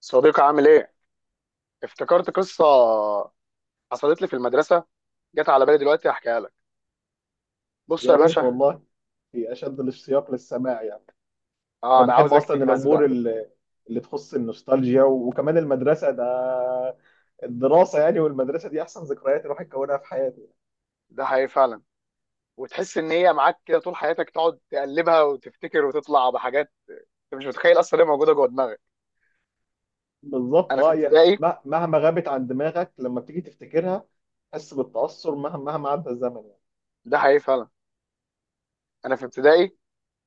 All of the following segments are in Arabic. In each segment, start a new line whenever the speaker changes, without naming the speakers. صديقي عامل ايه؟ افتكرت قصة حصلت لي في المدرسة، جت على بالي دلوقتي هحكيها لك. بص
يا
يا
ريت
باشا،
والله، في اشد الاشتياق للسماع يعني. انا
اه انا
بحب
عاوزك
اصلا
تجهز
الامور
بقى.
اللي تخص النوستالجيا، وكمان المدرسه ده الدراسه يعني، والمدرسه دي احسن ذكريات الواحد كونها في حياته.
ده حقيقي فعلا، وتحس ان هي معاك كده طول حياتك تقعد تقلبها وتفتكر وتطلع بحاجات. انت مش متخيل اصلا، هي موجودة جوه دماغك.
بالظبط
انا في
اه، هي
ابتدائي،
مهما غابت عن دماغك، لما بتيجي تفتكرها تحس بالتاثر، مهما عدى الزمن يعني.
ده حقيقي فعلا. انا في ابتدائي،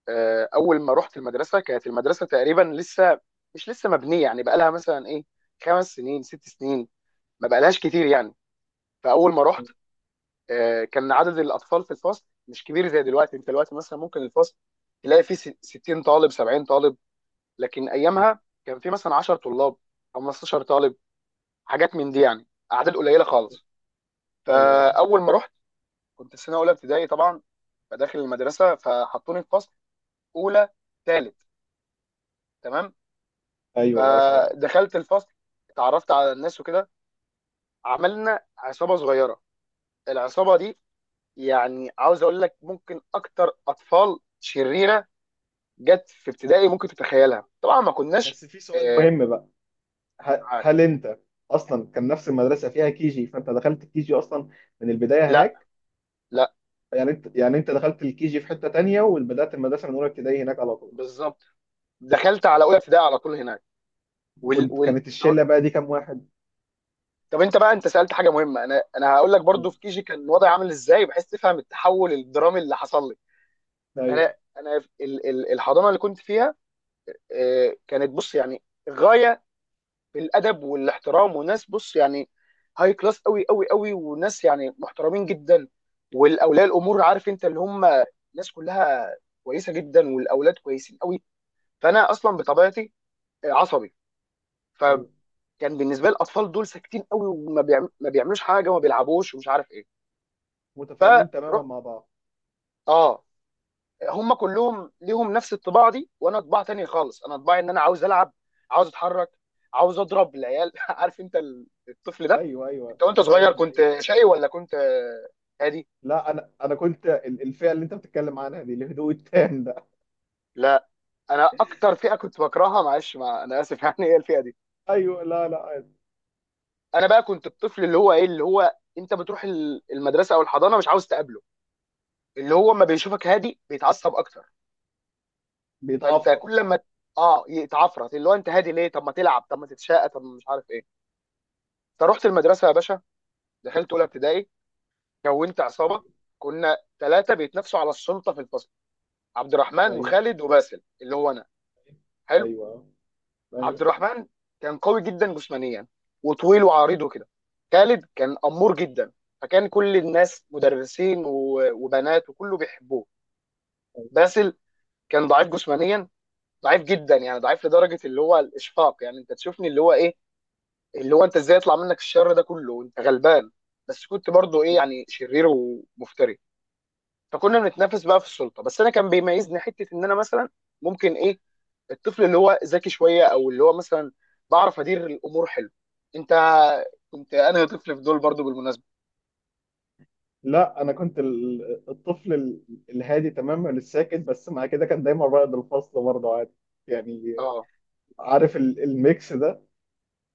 اول ما رحت المدرسة كانت المدرسة تقريبا مش لسه مبنية، يعني بقى لها مثلا ايه، خمس سنين ست سنين، ما بقالهاش كتير يعني. فاول ما رحت، كان عدد الاطفال في الفصل مش كبير زي دلوقتي. انت دلوقتي مثلا ممكن الفصل تلاقي فيه 60 طالب 70 طالب، لكن ايامها كان فيه مثلا 10 طلاب 15 طالب، حاجات من دي يعني، اعداد قليله خالص.
ايوه
فاول ما رحت، كنت في سنه اولى ابتدائي طبعا. فداخل المدرسه، فحطوني في فصل اولى ثالث. تمام.
ايوه اه سامع.
فدخلت الفصل، اتعرفت على الناس وكده، عملنا عصابه صغيره. العصابه دي، يعني عاوز اقول لك ممكن اكتر اطفال شريره جت في ابتدائي، ممكن تتخيلها طبعا، ما كناش
بس في سؤال
آه،
مهم بقى، هل
معاك.
انت اصلا كان نفس المدرسه فيها كيجي؟ فانت دخلت الكيجي اصلا من البدايه
لا،
هناك؟
لا،
يعني انت، يعني انت دخلت الكي جي في حته تانية، وبدات المدرسه من اولى ابتدائي هناك على طول؟
بالظبط، دخلت على
تمام.
اولى ابتدائي على طول هناك. وال... وال...
كانت الشله بقى دي كام واحد؟
طب انت بقى، انت سالت حاجه مهمه. انا هقول لك
م.
برضو في كيجي كان وضعي عامل ازاي، بحيث تفهم التحول الدرامي اللي حصل لي.
ايوه.
انا الحضانه اللي كنت فيها، كانت بص يعني غايه بالادب والاحترام، وناس بص يعني هاي كلاس قوي قوي قوي، وناس يعني محترمين جدا. والاولياء الامور عارف انت اللي هم، ناس كلها كويسه جدا، والاولاد كويسين قوي. فانا اصلا بطبيعتي عصبي،
ايوه
فكان بالنسبه لي الاطفال دول ساكتين قوي، ما بيعملوش حاجه وما بيلعبوش ومش عارف ايه.
متفاهمين تماما
فروح،
مع بعض.
اه هم كلهم ليهم نفس الطباع دي، وانا طباع تاني خالص. انا طباعي ان انا عاوز العب، عاوز اتحرك، عاوز اضرب العيال عارف انت الطفل،
ايوه ايوه
انت وانت صغير
فاهم،
كنت
ايوه.
شقي ولا كنت هادي؟
لا انا انا كنت الفئه اللي انت بتتكلم عنها دي، الهدوء التام ده
لا، انا اكتر فئه كنت بكرهها، معلش، مع انا اسف يعني هي الفئه دي.
ايوه لا لا عادي.
انا بقى كنت الطفل اللي هو ايه، اللي هو انت بتروح المدرسه او الحضانه مش عاوز تقابله، اللي هو ما بيشوفك هادي بيتعصب اكتر. فانت
بيتعفرط.
كل ما يتعفرت، اللي هو انت هادي ليه، طب ما تلعب، طب ما تتشقى، طب ما مش عارف ايه. فروحت المدرسه يا باشا، دخلت اولى ابتدائي، كونت عصابه.
ايوه
كنا ثلاثه بيتنافسوا على السلطه في الفصل، عبد الرحمن
ايوه
وخالد وباسل اللي هو انا. حلو.
ايوه
عبد
ايوه
الرحمن كان قوي جدا جسمانيا، وطويل وعريض وكده. خالد كان أمور جدا، فكان كل الناس مدرسين وبنات وكله بيحبوه.
ايوه.
باسل كان ضعيف جسمانيا، ضعيف جدا، يعني ضعيف لدرجة اللي هو الإشفاق، يعني أنت تشوفني اللي هو إيه، اللي هو أنت إزاي يطلع منك الشر ده كله، أنت غلبان. بس كنت برضه إيه يعني، شرير ومفتري. فكنا بنتنافس بقى في السلطة، بس أنا كان بيميزني حتة، إن أنا مثلا ممكن إيه، الطفل اللي هو ذكي شويه، او اللي هو مثلا بعرف ادير الامور حلو. انت كنت انا طفل في دول برضو بالمناسبه.
لا انا كنت الطفل الهادي تماما الساكت، بس مع كده كان دايما رائد الفصل برضه عادي يعني.
اه،
عارف الميكس ده؟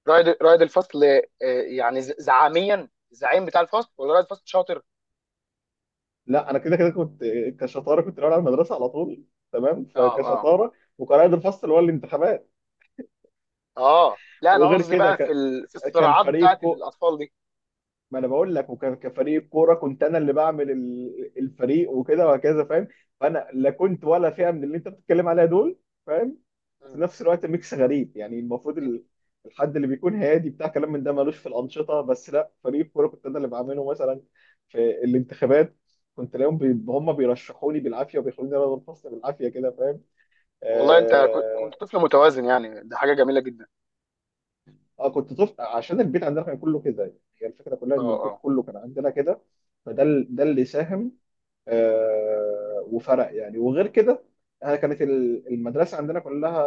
رائد الفصل آه، يعني زعاميا، الزعيم بتاع الفصل ولا رائد الفصل شاطر؟
لا انا كده كده كنت، كشطاره كنت الاول على المدرسه على طول. تمام،
اه اه
فكشطاره وقائد الفصل هو الانتخابات.
اه لا، انا
وغير
قصدي
كده
بقى في ال... في
كان
الصراعات
فريق
بتاعه
كو،
الاطفال دي.
ما انا بقول لك، وكان كفريق كوره كنت انا اللي بعمل الفريق وكده، وهكذا فاهم. فانا لا كنت ولا فئه من اللي انت بتتكلم عليها دول، فاهم. وفي
مم.
نفس الوقت ميكس غريب يعني، المفروض
إن-
الحد اللي بيكون هادي بتاع كلام من ده ملوش في الانشطه، بس لا، فريق الكوره كنت انا اللي بعمله مثلا. في الانتخابات كنت الاقيهم هم بيرشحوني بالعافيه، وبيخلوني انا الفصل بالعافيه كده، فاهم.
والله انت كنت
اه،
طفل متوازن، يعني ده حاجه جميله جدا.
آه، كنت طفل عشان البيت عندنا كان كله كده يعني. هي الفكره كلها
اه
ان البيت
اه،
كله كان عندنا كده، فده ده اللي ساهم آه وفرق يعني. وغير كده، انا كانت المدرسه عندنا كلها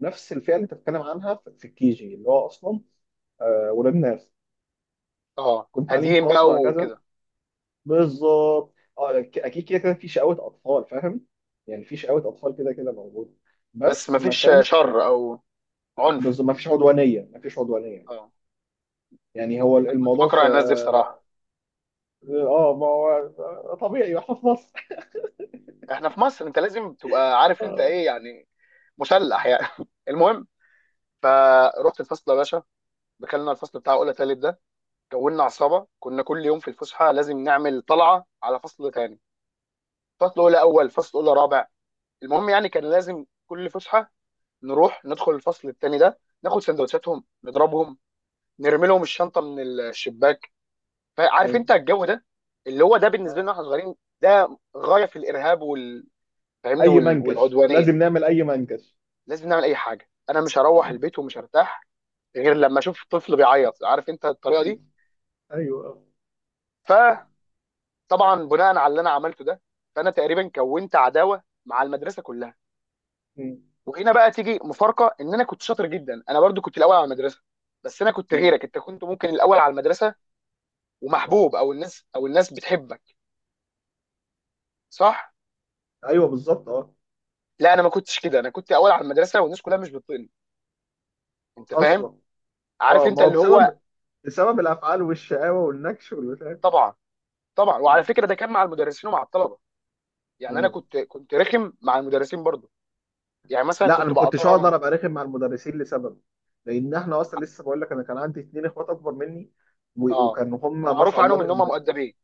نفس الفئه اللي انت بتتكلم عنها في الكيجي، اللي هو اصلا آه، ولاد ناس،
اه،
كنت تعليم
هاديين
خاص
بقى
وهكذا.
وكده،
بالظبط اه، اكيد كده كده في شقاوة اطفال فاهم، يعني في شقاوة اطفال كده كده موجوده،
بس
بس ما
مفيش
كانش
شر او عنف.
ما فيش عدوانيه، ما فيش عدوانيه.
اه،
يعني هو
كنت
الموضوع في
بكره الناس دي
اه،
بصراحه.
آه، ما هو طبيعي واحنا في مصر.
احنا في مصر انت لازم تبقى عارف انت
آه،
ايه يعني، مسلح يعني المهم، فروحت الفصل يا باشا، دخلنا الفصل بتاع اولى تالت ده، كونا عصابه. كنا كل يوم في الفسحه لازم نعمل طلعه على فصل تاني، فصل اولى اول، فصل اولى رابع. المهم يعني، كان لازم كل فسحه نروح ندخل الفصل التاني ده، ناخد سندوتشاتهم، نضربهم، نرمي لهم الشنطه من الشباك. فعارف
ايوه
انت الجو ده، اللي هو ده بالنسبه
آه.
لنا احنا صغيرين، ده غايه في الارهاب وال، فاهمني،
اي منكش
والعدوانيه.
لازم نعمل اي منكش.
لازم نعمل اي حاجه، انا مش هروح البيت ومش هرتاح غير لما اشوف طفل بيعيط، عارف انت الطريقه دي.
ايوه ايوه آه.
فطبعا، بناء على اللي انا عملته ده، فانا تقريبا كونت عداوه مع المدرسه كلها.
م-
وهنا بقى تيجي مفارقه، ان انا كنت شاطر جدا، انا برضو كنت الاول على المدرسه. بس انا كنت
م.
غيرك، انت كنت ممكن الاول على المدرسه ومحبوب، او الناس او الناس بتحبك، صح؟
ايوه بالظبط اه.
لا، انا ما كنتش كده. انا كنت اول على المدرسه والناس كلها مش بتطيقني. انت فاهم،
اصلا
عارف
اه، ما
انت
هو
اللي هو.
بسبب، بسبب الافعال والشقاوه والنكش والبتاع.
طبعا، طبعا، وعلى فكره ده كان مع المدرسين ومع الطلبه. يعني انا
مم.
كنت رخم مع المدرسين برضو، يعني مثلا
لا انا
كنت
ما كنتش
بقاطعهم.
اقدر ابقى رخم مع المدرسين لسبب، لان احنا اصلا لسه بقول لك، انا كان عندي اتنين اخوات اكبر مني،
اه،
وكانوا هم ما
معروف
شاء الله
عنهم ان هم مؤدبين.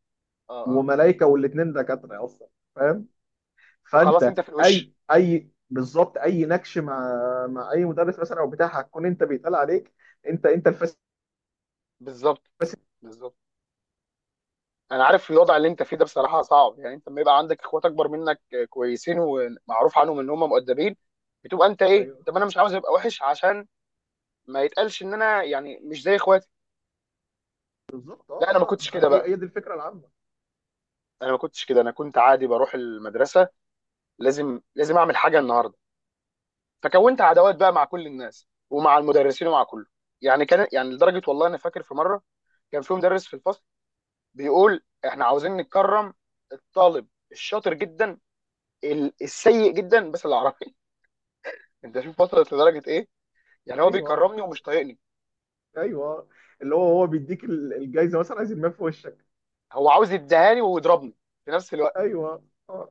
اه، اه.
وملايكه، والاتنين دكاتره اصلا، فاهم.
فخلاص
فانت
انت في
اي
الوش.
اي بالظبط، اي نكش مع، مع اي مدرس مثلا او بتاع، هتكون انت بيتقال عليك انت، انت الفاسد.
بالظبط، بالظبط. انا عارف الوضع اللي انت فيه ده بصراحه صعب، يعني انت لما يبقى عندك اخوات اكبر منك كويسين ومعروف عنهم ان هم مؤدبين، بتبقى انت ايه،
ايوه
طب انا مش عاوز ابقى وحش عشان ما يتقالش ان انا يعني مش زي اخواتي.
بالظبط
لا انا ما
اه اه،
كنتش
ما
كده
هي هي،
بقى.
هي دي الفكره العامه.
انا ما كنتش كده، انا كنت عادي بروح المدرسه، لازم اعمل حاجه النهارده. فكونت عداوات بقى مع كل الناس، ومع المدرسين ومع كله. يعني كان يعني لدرجه، والله انا فاكر في مره كان في مدرس في الفصل بيقول احنا عاوزين نكرم الطالب الشاطر جدا السيء جدا بس العربي انت شوف وصلت لدرجه ايه، يعني هو
ايوه
بيكرمني ومش طايقني.
ايوه، اللي هو هو بيديك الجايزه مثلا عايز يرميها في وشك.
هو عاوز يديهاني ويضربني في نفس الوقت.
ايوه اه.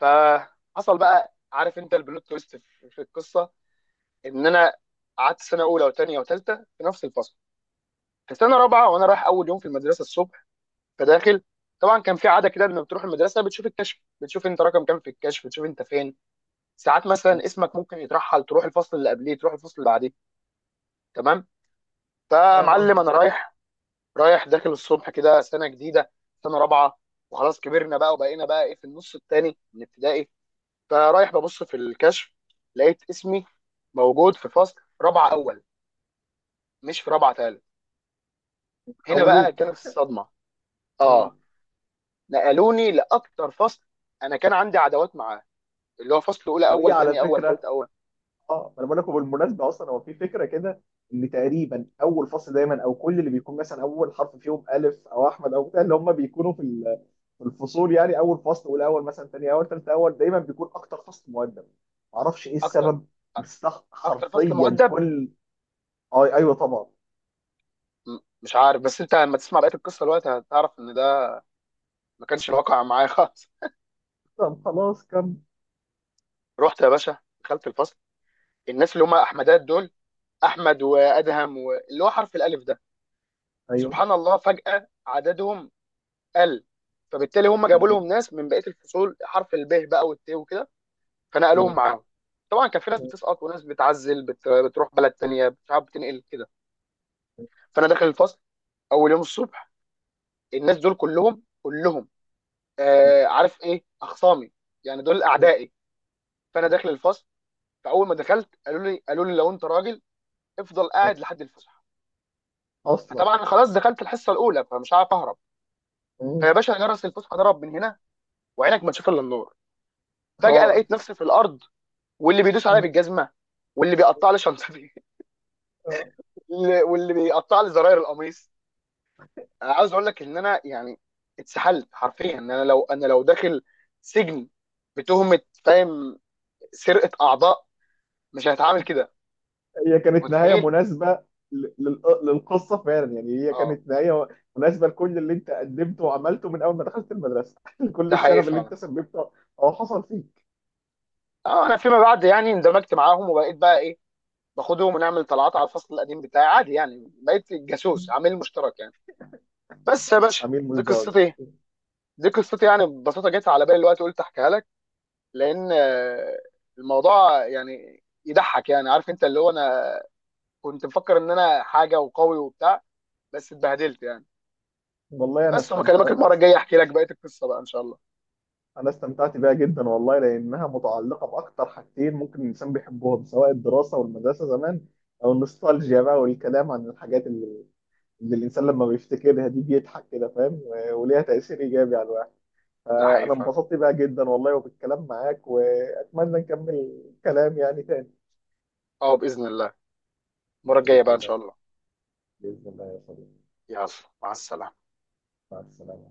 فحصل بقى عارف انت البلوت تويست في في القصه، ان انا قعدت سنه اولى وثانيه وثالثه في نفس الفصل. في سنه رابعه وانا رايح اول يوم في المدرسه الصبح، فداخل، طبعا كان في عاده كده لما بتروح المدرسه بتشوف الكشف، بتشوف انت رقم كام في الكشف، بتشوف انت فين. ساعات مثلا اسمك ممكن يترحل، تروح الفصل اللي قبليه، تروح الفصل اللي بعديه. تمام.
فاهم
فمعلم انا
قصدك.
رايح، رايح داخل الصبح كده، سنه جديده، سنه رابعه، وخلاص كبرنا بقى وبقينا بقى ايه في النص الثاني من ابتدائي. فرايح ببص في الكشف، لقيت اسمي موجود في فصل رابعه اول، مش في رابعه ثالث. هنا بقى
حولوك.
كانت الصدمه.
مم.
اه، نقلوني لاكتر فصل انا كان عندي عداوات معاه، اللي هو فصل اولى
وهي
اول،
على
تاني اول، تالت
فكره،
اول.
اه انا بقول لكم بالمناسبه، اصلا هو في فكره كده ان تقريبا اول فصل دايما، او كل اللي بيكون مثلا اول حرف فيهم الف او احمد او بتاع، اللي هم بيكونوا في في الفصول يعني، اول فصل والاول مثلا، ثاني اول، ثالث اول، دايما بيكون اكتر فصل مؤدب. معرفش ايه
اكتر،
السبب، بس ده
اكتر فصل
حرفيا
مؤدب.
كل، آه ايوه طبعا.
مش عارف، بس انت لما تسمع بقيه القصه دلوقتي هتعرف ان ده ما كانش الواقع معايا خالص.
طب خلاص كم.
رحت يا باشا، دخلت الفصل، الناس اللي هم احمدات دول، احمد وادهم واللي هو حرف الالف ده،
ايوه
سبحان الله فجاه عددهم قل، فبالتالي هم جابوا لهم ناس من بقيه الفصول، حرف الب بقى والت وكده، فنقلوهم معاهم. طبعا كان في ناس بتسقط وناس بتعزل، بتروح بلد تانية، بتعب، بتنقل كده. فانا داخل الفصل اول يوم الصبح، الناس دول كلهم كلهم، عارف ايه، اخصامي، يعني دول اعدائي. فانا داخل الفصل، فاول ما دخلت قالوا لي لو انت راجل افضل قاعد لحد الفسحه.
اصلا.
فطبعا خلاص دخلت الحصه الاولى، فمش عارف اهرب.
مم.
فيا باشا جرس الفسحه ضرب من هنا، وعينك ما تشوف الا النور، فجاه لقيت نفسي في الارض، واللي بيدوس عليا بالجزمه، واللي بيقطع لي شنطتي
اه،
واللي بيقطع لي زراير القميص. انا عاوز اقول لك ان انا يعني اتسحلت حرفيا، ان انا لو انا لو داخل سجن بتهمه، فاهم، سرقه اعضاء، مش هتعامل كده.
هي كانت نهايه
متخيل.
مناسبه للقصه فعلا يعني. هي
اه.
كانت نهايه مناسبه لكل اللي انت قدمته وعملته من اول ما دخلت المدرسه لكل
ده حقيقي
الشغب اللي
فعلا.
انت سببته، او حصل فيك.
اه انا فيما بعد يعني اندمجت معاهم، وبقيت بقى ايه، باخدهم ونعمل طلعات على الفصل القديم بتاعي عادي، يعني بقيت جاسوس عامل مشترك يعني. بس يا باشا
عميل
دي
مزدوج.
قصتي، دي قصتي يعني ببساطه، جت على بالي الوقت قلت احكيها لك. لان الموضوع يعني يضحك، يعني عارف انت اللي هو انا كنت مفكر ان انا حاجه وقوي وبتاع، بس اتبهدلت يعني.
والله انا
بس لما اكلمك
استمتع،
المره الجايه احكي لك بقيه القصه بقى ان شاء الله.
انا استمتعت بيها جدا والله، لانها متعلقه باكتر حاجتين ممكن الانسان بيحبهم، سواء الدراسه والمدرسه زمان، او
ايوه،
النوستالجيا بقى، والكلام عن الحاجات اللي، الانسان لما بيفتكرها دي بيضحك كده، فاهم، وليها تاثير ايجابي على الواحد.
ده حقيقي
فانا
فعلا.
انبسطت بقى جدا والله، وبالكلام معاك، واتمنى نكمل كلام يعني تاني.
اه باذن الله، المره
باذن
الجايه بقى ان
الله.
شاء الله.
باذن الله يا صديقي.
يلا، مع السلامه.
مع السلامه.